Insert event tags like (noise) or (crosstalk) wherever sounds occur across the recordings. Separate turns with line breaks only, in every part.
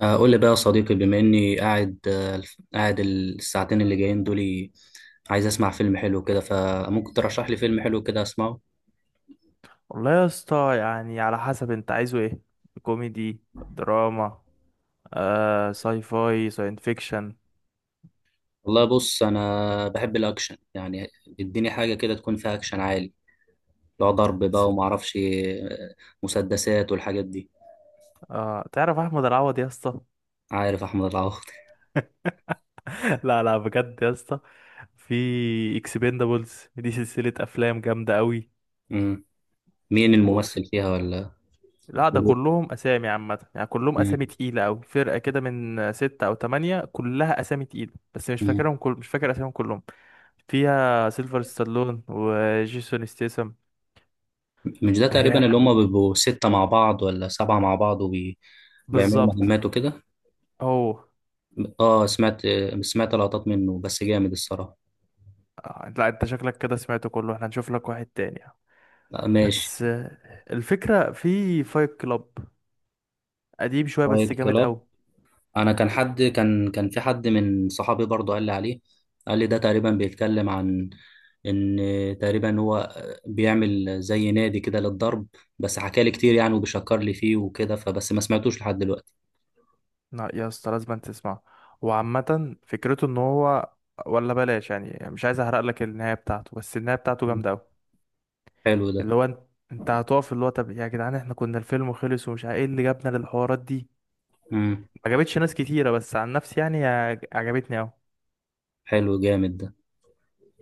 قول لي بقى يا صديقي، بما اني قاعد قاعد الساعتين اللي جايين دول. عايز اسمع فيلم حلو كده، فممكن ترشح لي فيلم حلو كده اسمعه؟
والله يا اسطى يعني على حسب انت عايزه ايه؟ كوميدي، دراما، آه، ساين فيكشن.
والله بص انا بحب الاكشن يعني. اديني حاجه كده تكون فيها اكشن عالي، لو ضرب بقى
س-
وما اعرفش مسدسات والحاجات دي.
آه، تعرف احمد العوض يا اسطى؟
عارف احمد العوضي. (laughs)
(laughs) لا لا، بجد يا اسطى، في اكسبندابلز دي سلسلة افلام جامدة قوي.
مم. مين
وفي
الممثل فيها ولا؟
لا ده كلهم اسامي عامة، يعني كلهم اسامي
مم.
تقيلة قوي، فرقة كده من ستة او تمانية، كلها اسامي تقيلة، بس مش
مم.
فاكرهم، مش فاكر اساميهم كلهم. فيها سيلفر ستالون وجيسون ستيسم.
مش ده
هي
تقريبا اللي هم بيبقوا ستة مع بعض ولا سبعة مع بعض وبيعملوا
بالظبط.
مهمات وكده؟
اوه.
اه، سمعت لقطات منه، بس جامد الصراحة.
آه، لا انت شكلك كده سمعته كله، احنا هنشوف لك واحد تاني.
ماشي.
بس آه، الفكرة في فايت كلاب، قديم شوية بس
فايت
جامد
كلاب.
قوي.
انا كان حد كان كان في حد من صحابي برضه قال لي عليه. قال لي ده تقريبا بيتكلم عن ان تقريبا هو بيعمل زي نادي كده للضرب. بس حكى لي كتير يعني وبيشكر لي فيه وكده، فبس ما سمعتوش لحد دلوقتي.
لا يا اسطى، لازم تسمعه. وعامة فكرته ان هو، ولا بلاش، يعني مش عايز احرق لك النهاية بتاعته، بس النهاية بتاعته
مم.
جامدة قوي.
حلو ده.
اللي هو انت، انت هتقف اللي هو طب يا جدعان احنا كنا الفيلم خلص ومش عارف ايه اللي جابنا للحوارات دي.
امم
ما عجبتش ناس كتيرة، بس عن نفسي يعني عجبتني قوي.
حلو جامد ده.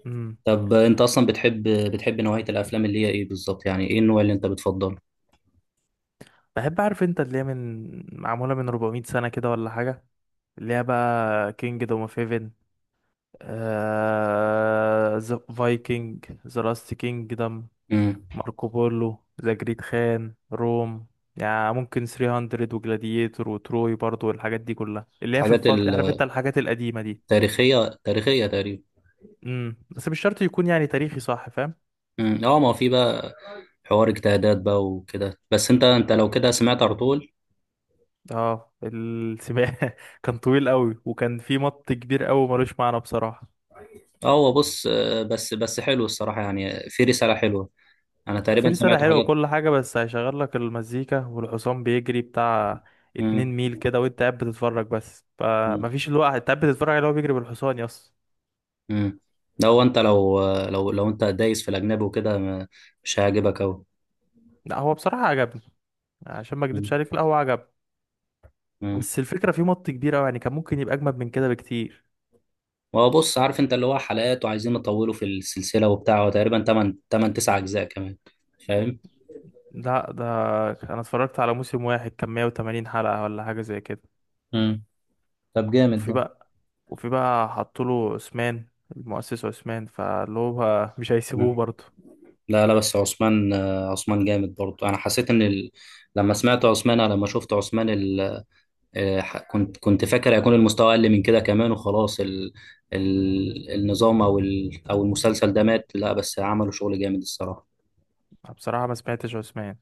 امم.
طب انت اصلا بتحب نوعية الافلام اللي هي ايه بالظبط؟ يعني ايه النوع اللي انت بتفضله؟
بحب اعرف انت اللي هي معمولة من 400 سنة كده ولا حاجة، اللي هي بقى كينجدوم اوف هيفن، ذا فايكنج، ذا لاست كينجدم،
امم
ماركو بولو، ذا جريت خان، روم، يعني ممكن 300، وجلاديتور، وتروي برضو، والحاجات دي كلها اللي هي في
حاجات
الفترة، عارف انت
التاريخية،
الحاجات القديمة دي.
تاريخية تقريبا.
بس مش شرط يكون يعني تاريخي، صح فاهم.
مم. اه، ما هو في بقى حوار اجتهادات بقى وكده. بس انت لو كده سمعت ارطغرل؟
اه السباق (laughs) كان طويل قوي، وكان في مط كبير قوي ملوش معنى بصراحة.
اه، هو بص بس حلو الصراحه يعني، في رساله حلوه. انا
في
تقريبا
رسالة
سمعت
حلوة
حاجات.
وكل حاجة، بس هيشغل لك المزيكا والحصان بيجري بتاع
مم.
2 ميل كده وانت قاعد بتتفرج، بس
مم.
فمفيش الوقت انت قاعد بتتفرج عليه وهو بيجري بالحصان يس.
مم. ده هو انت لو آه، لو لو انت دايس في الاجنبي وكده مش هيعجبك قوي.
لا هو بصراحة عجبني، عشان ما اكدبش عليك لا هو عجبني، بس الفكرة فيه مط كبير أوي، يعني كان ممكن يبقى أجمد من كده بكتير.
هو بص، عارف انت اللي هو حلقات وعايزين يطولوا في السلسله وبتاع، هو تقريبا 8 8 9 اجزاء كمان، فاهم؟
لا ده أنا اتفرجت على موسم واحد كان 180 حلقة ولا حاجة زي كده.
مم. طب جامد
وفي
ده.
بقى وفي بقى حطوله عثمان، المؤسس عثمان، فاللي هو مش هيسيبوه
مم.
برضه.
لا لا، بس عثمان عثمان جامد برضه. انا حسيت ان لما سمعت عثمان، لما شفت عثمان كنت فاكر هيكون المستوى اقل من كده كمان، وخلاص النظام او او المسلسل ده مات. لا، بس عملوا شغل جامد الصراحة.
بصراحة ما سمعتش عثمان،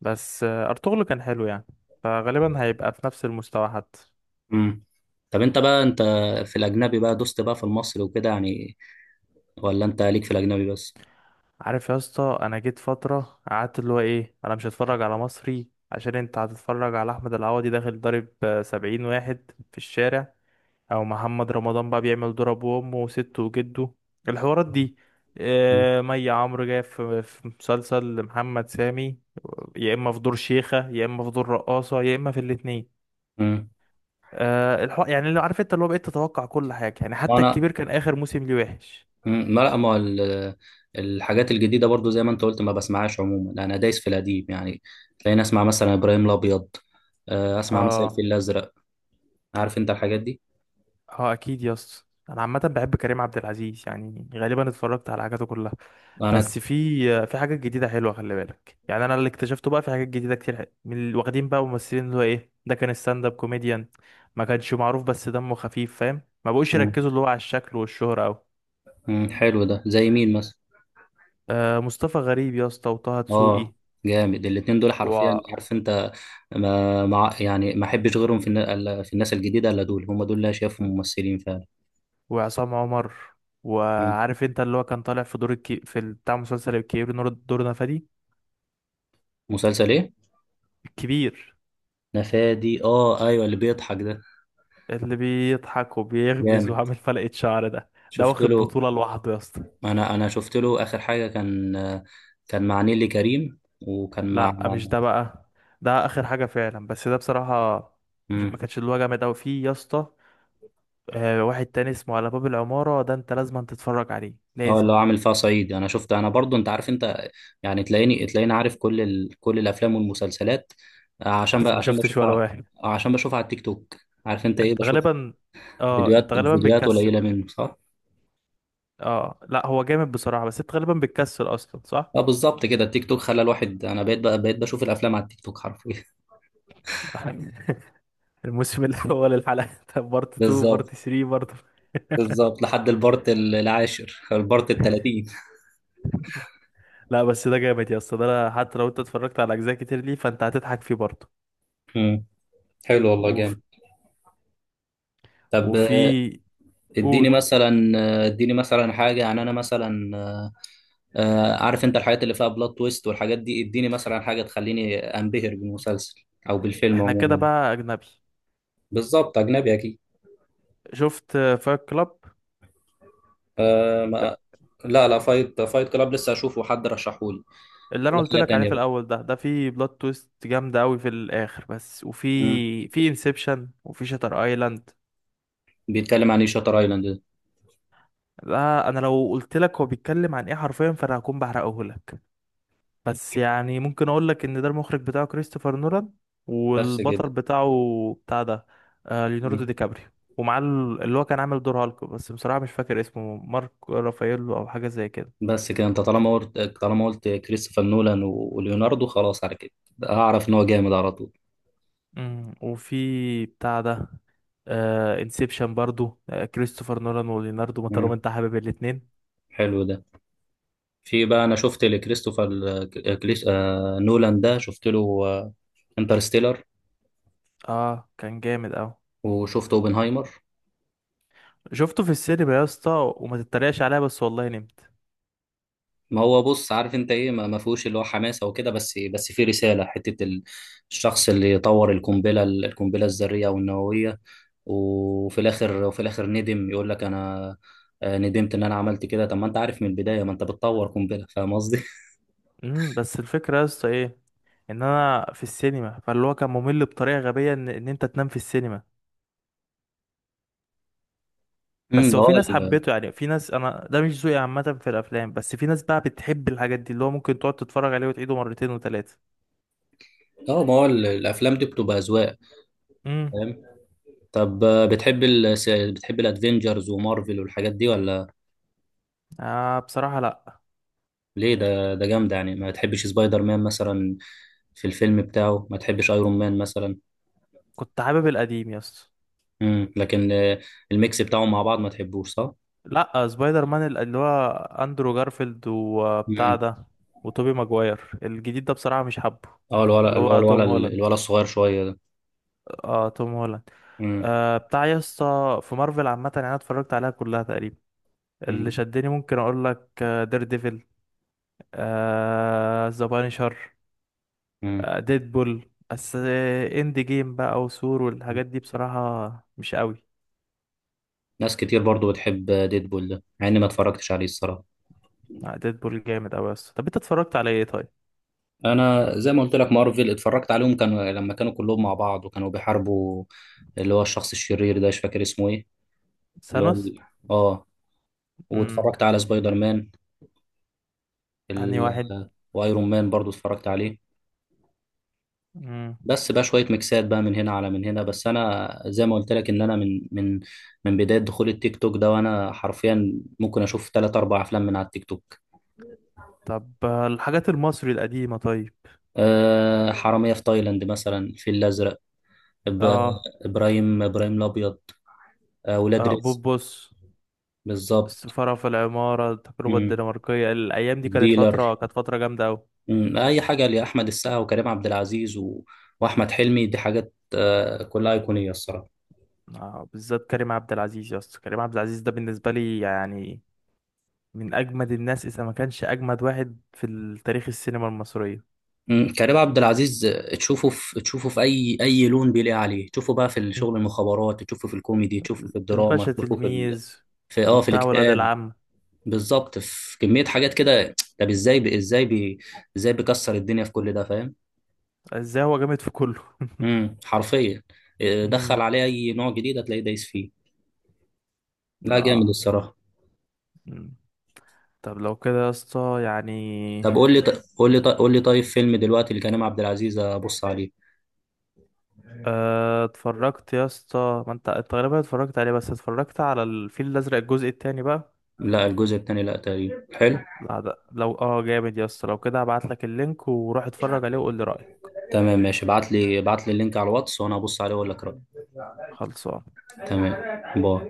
بس آه، ارطغرل كان حلو يعني، فغالبا هيبقى في نفس المستوى حتى.
امم طب انت في الاجنبي بقى، دوست بقى في المصري وكده يعني، ولا انت ليك في الاجنبي بس؟
عارف يا اسطى، انا جيت فتره قعدت اللي هو ايه، انا مش هتفرج على مصري عشان انت هتتفرج على احمد العوضي داخل ضارب 70 واحد في الشارع، او محمد رمضان بقى بيعمل ضرب وامه وسته وجده، الحوارات دي. آه، مي عمرو جايه في مسلسل محمد سامي، يا اما في دور شيخه، يا اما في دور رقاصه، يا اما في الاتنين.
امم
يعني اللي عارف انت اللي هو، بقيت تتوقع كل حاجه، يعني حتى
وانا
الكبير كان اخر موسم ليه وحش.
مم، ما لا ما ال- الحاجات الجديده برضو، زي ما انت قلت ما بسمعهاش عموما. انا دايس في القديم يعني. تلاقيني اسمع مثلا ابراهيم الابيض، اسمع مثلا
اه،
الفيل الازرق. عارف انت الحاجات دي.
اه اكيد يا اسطى، انا عامه بحب كريم عبد العزيز، يعني غالبا اتفرجت على حاجاته كلها.
انا
بس في في حاجات جديده حلوه، خلي بالك يعني، انا اللي اكتشفته بقى في حاجات جديده كتير، من اللي واخدين بقى ممثلين اللي هو ايه، ده كان ستاند اب كوميديان، ما كانش معروف بس دمه خفيف، فاهم، ما بقوش
مم،
يركزوا اللي هو على الشكل والشهره قوي.
حلو ده، زي مين مثلا؟
آه مصطفى غريب يا اسطى، وطه دسوقي،
اه، جامد الاتنين دول حرفيا،
و...
عارف انت. ما مع يعني ما احبش غيرهم في في الناس الجديده الا دول، هم دول اللي أنا شايفهم ممثلين فعلا.
وعصام عمر،
مم.
وعارف انت اللي هو كان طالع في دور بتاع مسلسل الكبير، نور، دور نفادي.
مسلسل ايه؟
الكبير،
نفادي، اه ايوه اللي بيضحك ده.
اللي بيضحك وبيغمز
جامد.
وعامل فلقة شعر ده، ده
شفت
واخد
له.
بطولة لوحده يا اسطى.
انا شفت له اخر حاجه، كان مع نيلي كريم، وكان مع
لا مش ده بقى، ده اخر حاجة فعلا، بس ده بصراحة مش... ما
امم
كانش اللي هو جامد اوي فيه يا اسطى. آه واحد تاني اسمه على باب العمارة، ده انت لازم تتفرج عليه
اه،
لازم.
اللي هو عامل فيها صعيد، انا شفت. انا برضو انت عارف انت يعني، تلاقيني عارف كل كل الافلام والمسلسلات.
بس ما
عشان
شفتش ولا
بشوفها.
واحد.
عشان بشوفها على التيك توك، عارف انت ايه،
انت
بشوف
غالبا، اه
فيديوهات
انت غالبا
فيديوهات
بتكسل.
قليله منه، صح؟
اه لا هو جامد بصراحة، بس انت غالبا بتكسل اصلا صح.
اه بالظبط كده، التيك توك خلى الواحد. انا بقيت بشوف الافلام على التيك توك حرفيا.
(laughs) الموسم الاول، الحلقه (laughs) بارت
(laughs)
2،
بالظبط.
بارت 3، بارت
بالظبط، لحد البارت العاشر، البارت التلاتين.
(laughs) لا بس ده جامد يا اسطى، ده أنا حتى لو انت اتفرجت على اجزاء كتير ليه فانت هتضحك فيه برضه.
مم. حلو والله،
وف...
جامد. طب
وفي
اديني
قول
مثلا اديني مثلا حاجه، يعني انا مثلا عارف انت الحاجات اللي فيها بلوت تويست والحاجات دي. اديني مثلا حاجه تخليني انبهر بالمسلسل او بالفيلم
احنا كده
عموما.
بقى اجنبي.
بالظبط، اجنبي اكيد.
شفت فايت كلاب؟
أه
ده
ما... لا لا، فايت كلاب لسه اشوفه، حد رشحهولي
اللي انا
ولا
قلت
حاجه
لك عليه
تانيه
في
بقى.
الاول، ده في بلوت تويست جامده قوي في الاخر بس،
مم.
وفي انسبشن، وفي شاتر ايلاند.
بيتكلم عن ايه شاتر ايلاند ده؟
ده انا لو قلت لك هو بيتكلم عن ايه حرفيا فانا هكون بحرقه لك، بس يعني ممكن اقول لك ان ده المخرج بتاعه كريستوفر نولان،
بس كده؟
والبطل بتاعه بتاع ده ليوناردو
مم.
دي كابريو، ومعاه اللي هو كان عامل دور هالك، بس بصراحة مش فاكر اسمه، مارك رافاييلو او حاجة زي كده.
بس كده، انت طالما قلت كريستوفر نولان وليوناردو، خلاص على كده. اعرف ان هو جامد على طول.
مم، وفي بتاع ده انسبشن برضو، آه، كريستوفر نولان وليوناردو، ما طالما
مم.
انت حابب الاتنين.
حلو ده. في بقى انا شفت لكريستوفر نولان ده، شفت له آه... انترستيلر،
اه كان جامد اوي،
وشفت اوبنهايمر.
شفته في السينما يا اسطى، وما تتريقش عليا بس والله نمت.
ما هو بص، عارف انت ايه، ما فيهوش اللي هو حماسه وكده، بس في رساله. حته الشخص اللي طور القنبله الذريه والنوويه. وفي الاخر ندم، يقول لك انا ندمت ان انا عملت كده. طب ما انت عارف من البدايه ما انت بتطور قنبله، فاهم قصدي؟
بس الفكرة يا اسطى ايه، ان انا في السينما، فاللي هو كان ممل بطريقه غبيه ان انت تنام في السينما.
(laughs)
بس هو في
هو
ناس
ال-
حبته، يعني في ناس، انا ده مش ذوقي عامه في الافلام، بس في ناس بقى بتحب الحاجات دي اللي هو ممكن تقعد تتفرج عليه وتعيده مرتين وثلاثه.
اه ما هو الافلام دي بتبقى اذواق،
امم.
فاهم. طب بتحب الادفنجرز ومارفل والحاجات دي ولا؟
آه بصراحه لا.
ليه؟ ده جامد يعني، ما تحبش سبايدر مان مثلا في الفيلم بتاعه؟ ما تحبش ايرون مان مثلا؟
كنت حابب القديم يا اسطى.
لكن الميكس بتاعهم مع بعض ما تحبوش صح؟
لا سبايدر مان، اللي هو اندرو جارفيلد، وبتاع
امم
ده وتوبي ماجواير. الجديد ده بصراحه مش حابه،
اه، الولا
اللي
الولا
هو توم
الولا
هولاند.
الولا الصغير شويه ده.
اه توم هولاند.
امم
آه بتاع يا اسطى في مارفل عامه، يعني انا اتفرجت عليها كلها تقريبا، اللي
امم
شدني ممكن اقول لك، دير ديفل، ذا بانشر،
امم
ديدبول بس. اند جيم بقى وسور والحاجات دي بصراحة مش قوي.
ناس كتير برضو بتحب ديدبول ده، مع اني ما اتفرجتش عليه الصراحه.
ديدبول جامد قوي، بس طب انت اتفرجت على ايه طيب؟
انا زي ما قلت لك، مارفل اتفرجت عليهم كانوا لما كانوا كلهم مع بعض وكانوا بيحاربوا اللي هو الشخص الشرير ده، مش فاكر اسمه ايه. اللي هو
سانوس.
ال- اه،
امم.
واتفرجت على سبايدر مان
انهي واحد؟
ال... وايرون مان برضو اتفرجت عليه.
امم.
بس بقى شويه ميكسات بقى من هنا على من هنا. بس انا زي ما قلت لك، ان انا من بدايه دخول التيك توك ده، وانا حرفيا ممكن اشوف ثلاث اربع افلام من على التيك توك.
طب آه، الحاجات المصري القديمة طيب.
أه، حراميه في تايلاند مثلا، الفيل الازرق، إب-
اه.
ابراهيم الابيض، ولاد
اه
رزق.
بوبوس.
بالظبط.
السفارة في العمارة، التجربة
مم.
الدنماركية، الأيام دي كانت
ديلر.
فترة، كانت فترة جامدة أوي.
مم. اي حاجه لاحمد السقا وكريم عبد العزيز واحمد حلمي، دي حاجات كلها ايقونيه الصراحه.
آه بالذات كريم عبد العزيز يا اسطى، كريم عبد العزيز ده بالنسبة لي يعني من اجمد الناس، اذا ما كانش اجمد واحد في تاريخ السينما المصرية.
مم. كريم عبد العزيز، تشوفه في اي لون بيليق عليه، تشوفه بقى في
مم.
الشغل المخابرات، تشوفه في الكوميدي، تشوفه في الدراما،
الباشا
تشوفه في ال...
تلميذ،
في اه في
وبتاع ولاد
الاكتئاب.
العم.
بالظبط، في كمية حاجات كده. طب ازاي بيكسر الدنيا في كل ده، فاهم.
ازاي هو جامد في كله.
حرفيا. دخل
امم.
عليه اي نوع جديد هتلاقيه دايس فيه. لا، جامد
اه.
الصراحة.
مم. طب لو كده يا اسطى يعني.
طب قول لي طيب فيلم دلوقتي لكريم عبد العزيز ابص عليه.
آه، اتفرجت يا اسطى، ما انت تقريبا اتفرجت عليه، بس اتفرجت على الفيل الازرق الجزء التاني بقى.
لا، الجزء الثاني، لا تقريبا حلو.
لا ده لو اه جامد يا اسطى، لو كده هبعت لك اللينك وروح اتفرج عليه وقول لي رأيك.
تمام ماشي، ابعت لي اللينك على الواتس، وانا ابص عليه واقول لك رأيي.
خلصان.
تمام. باي.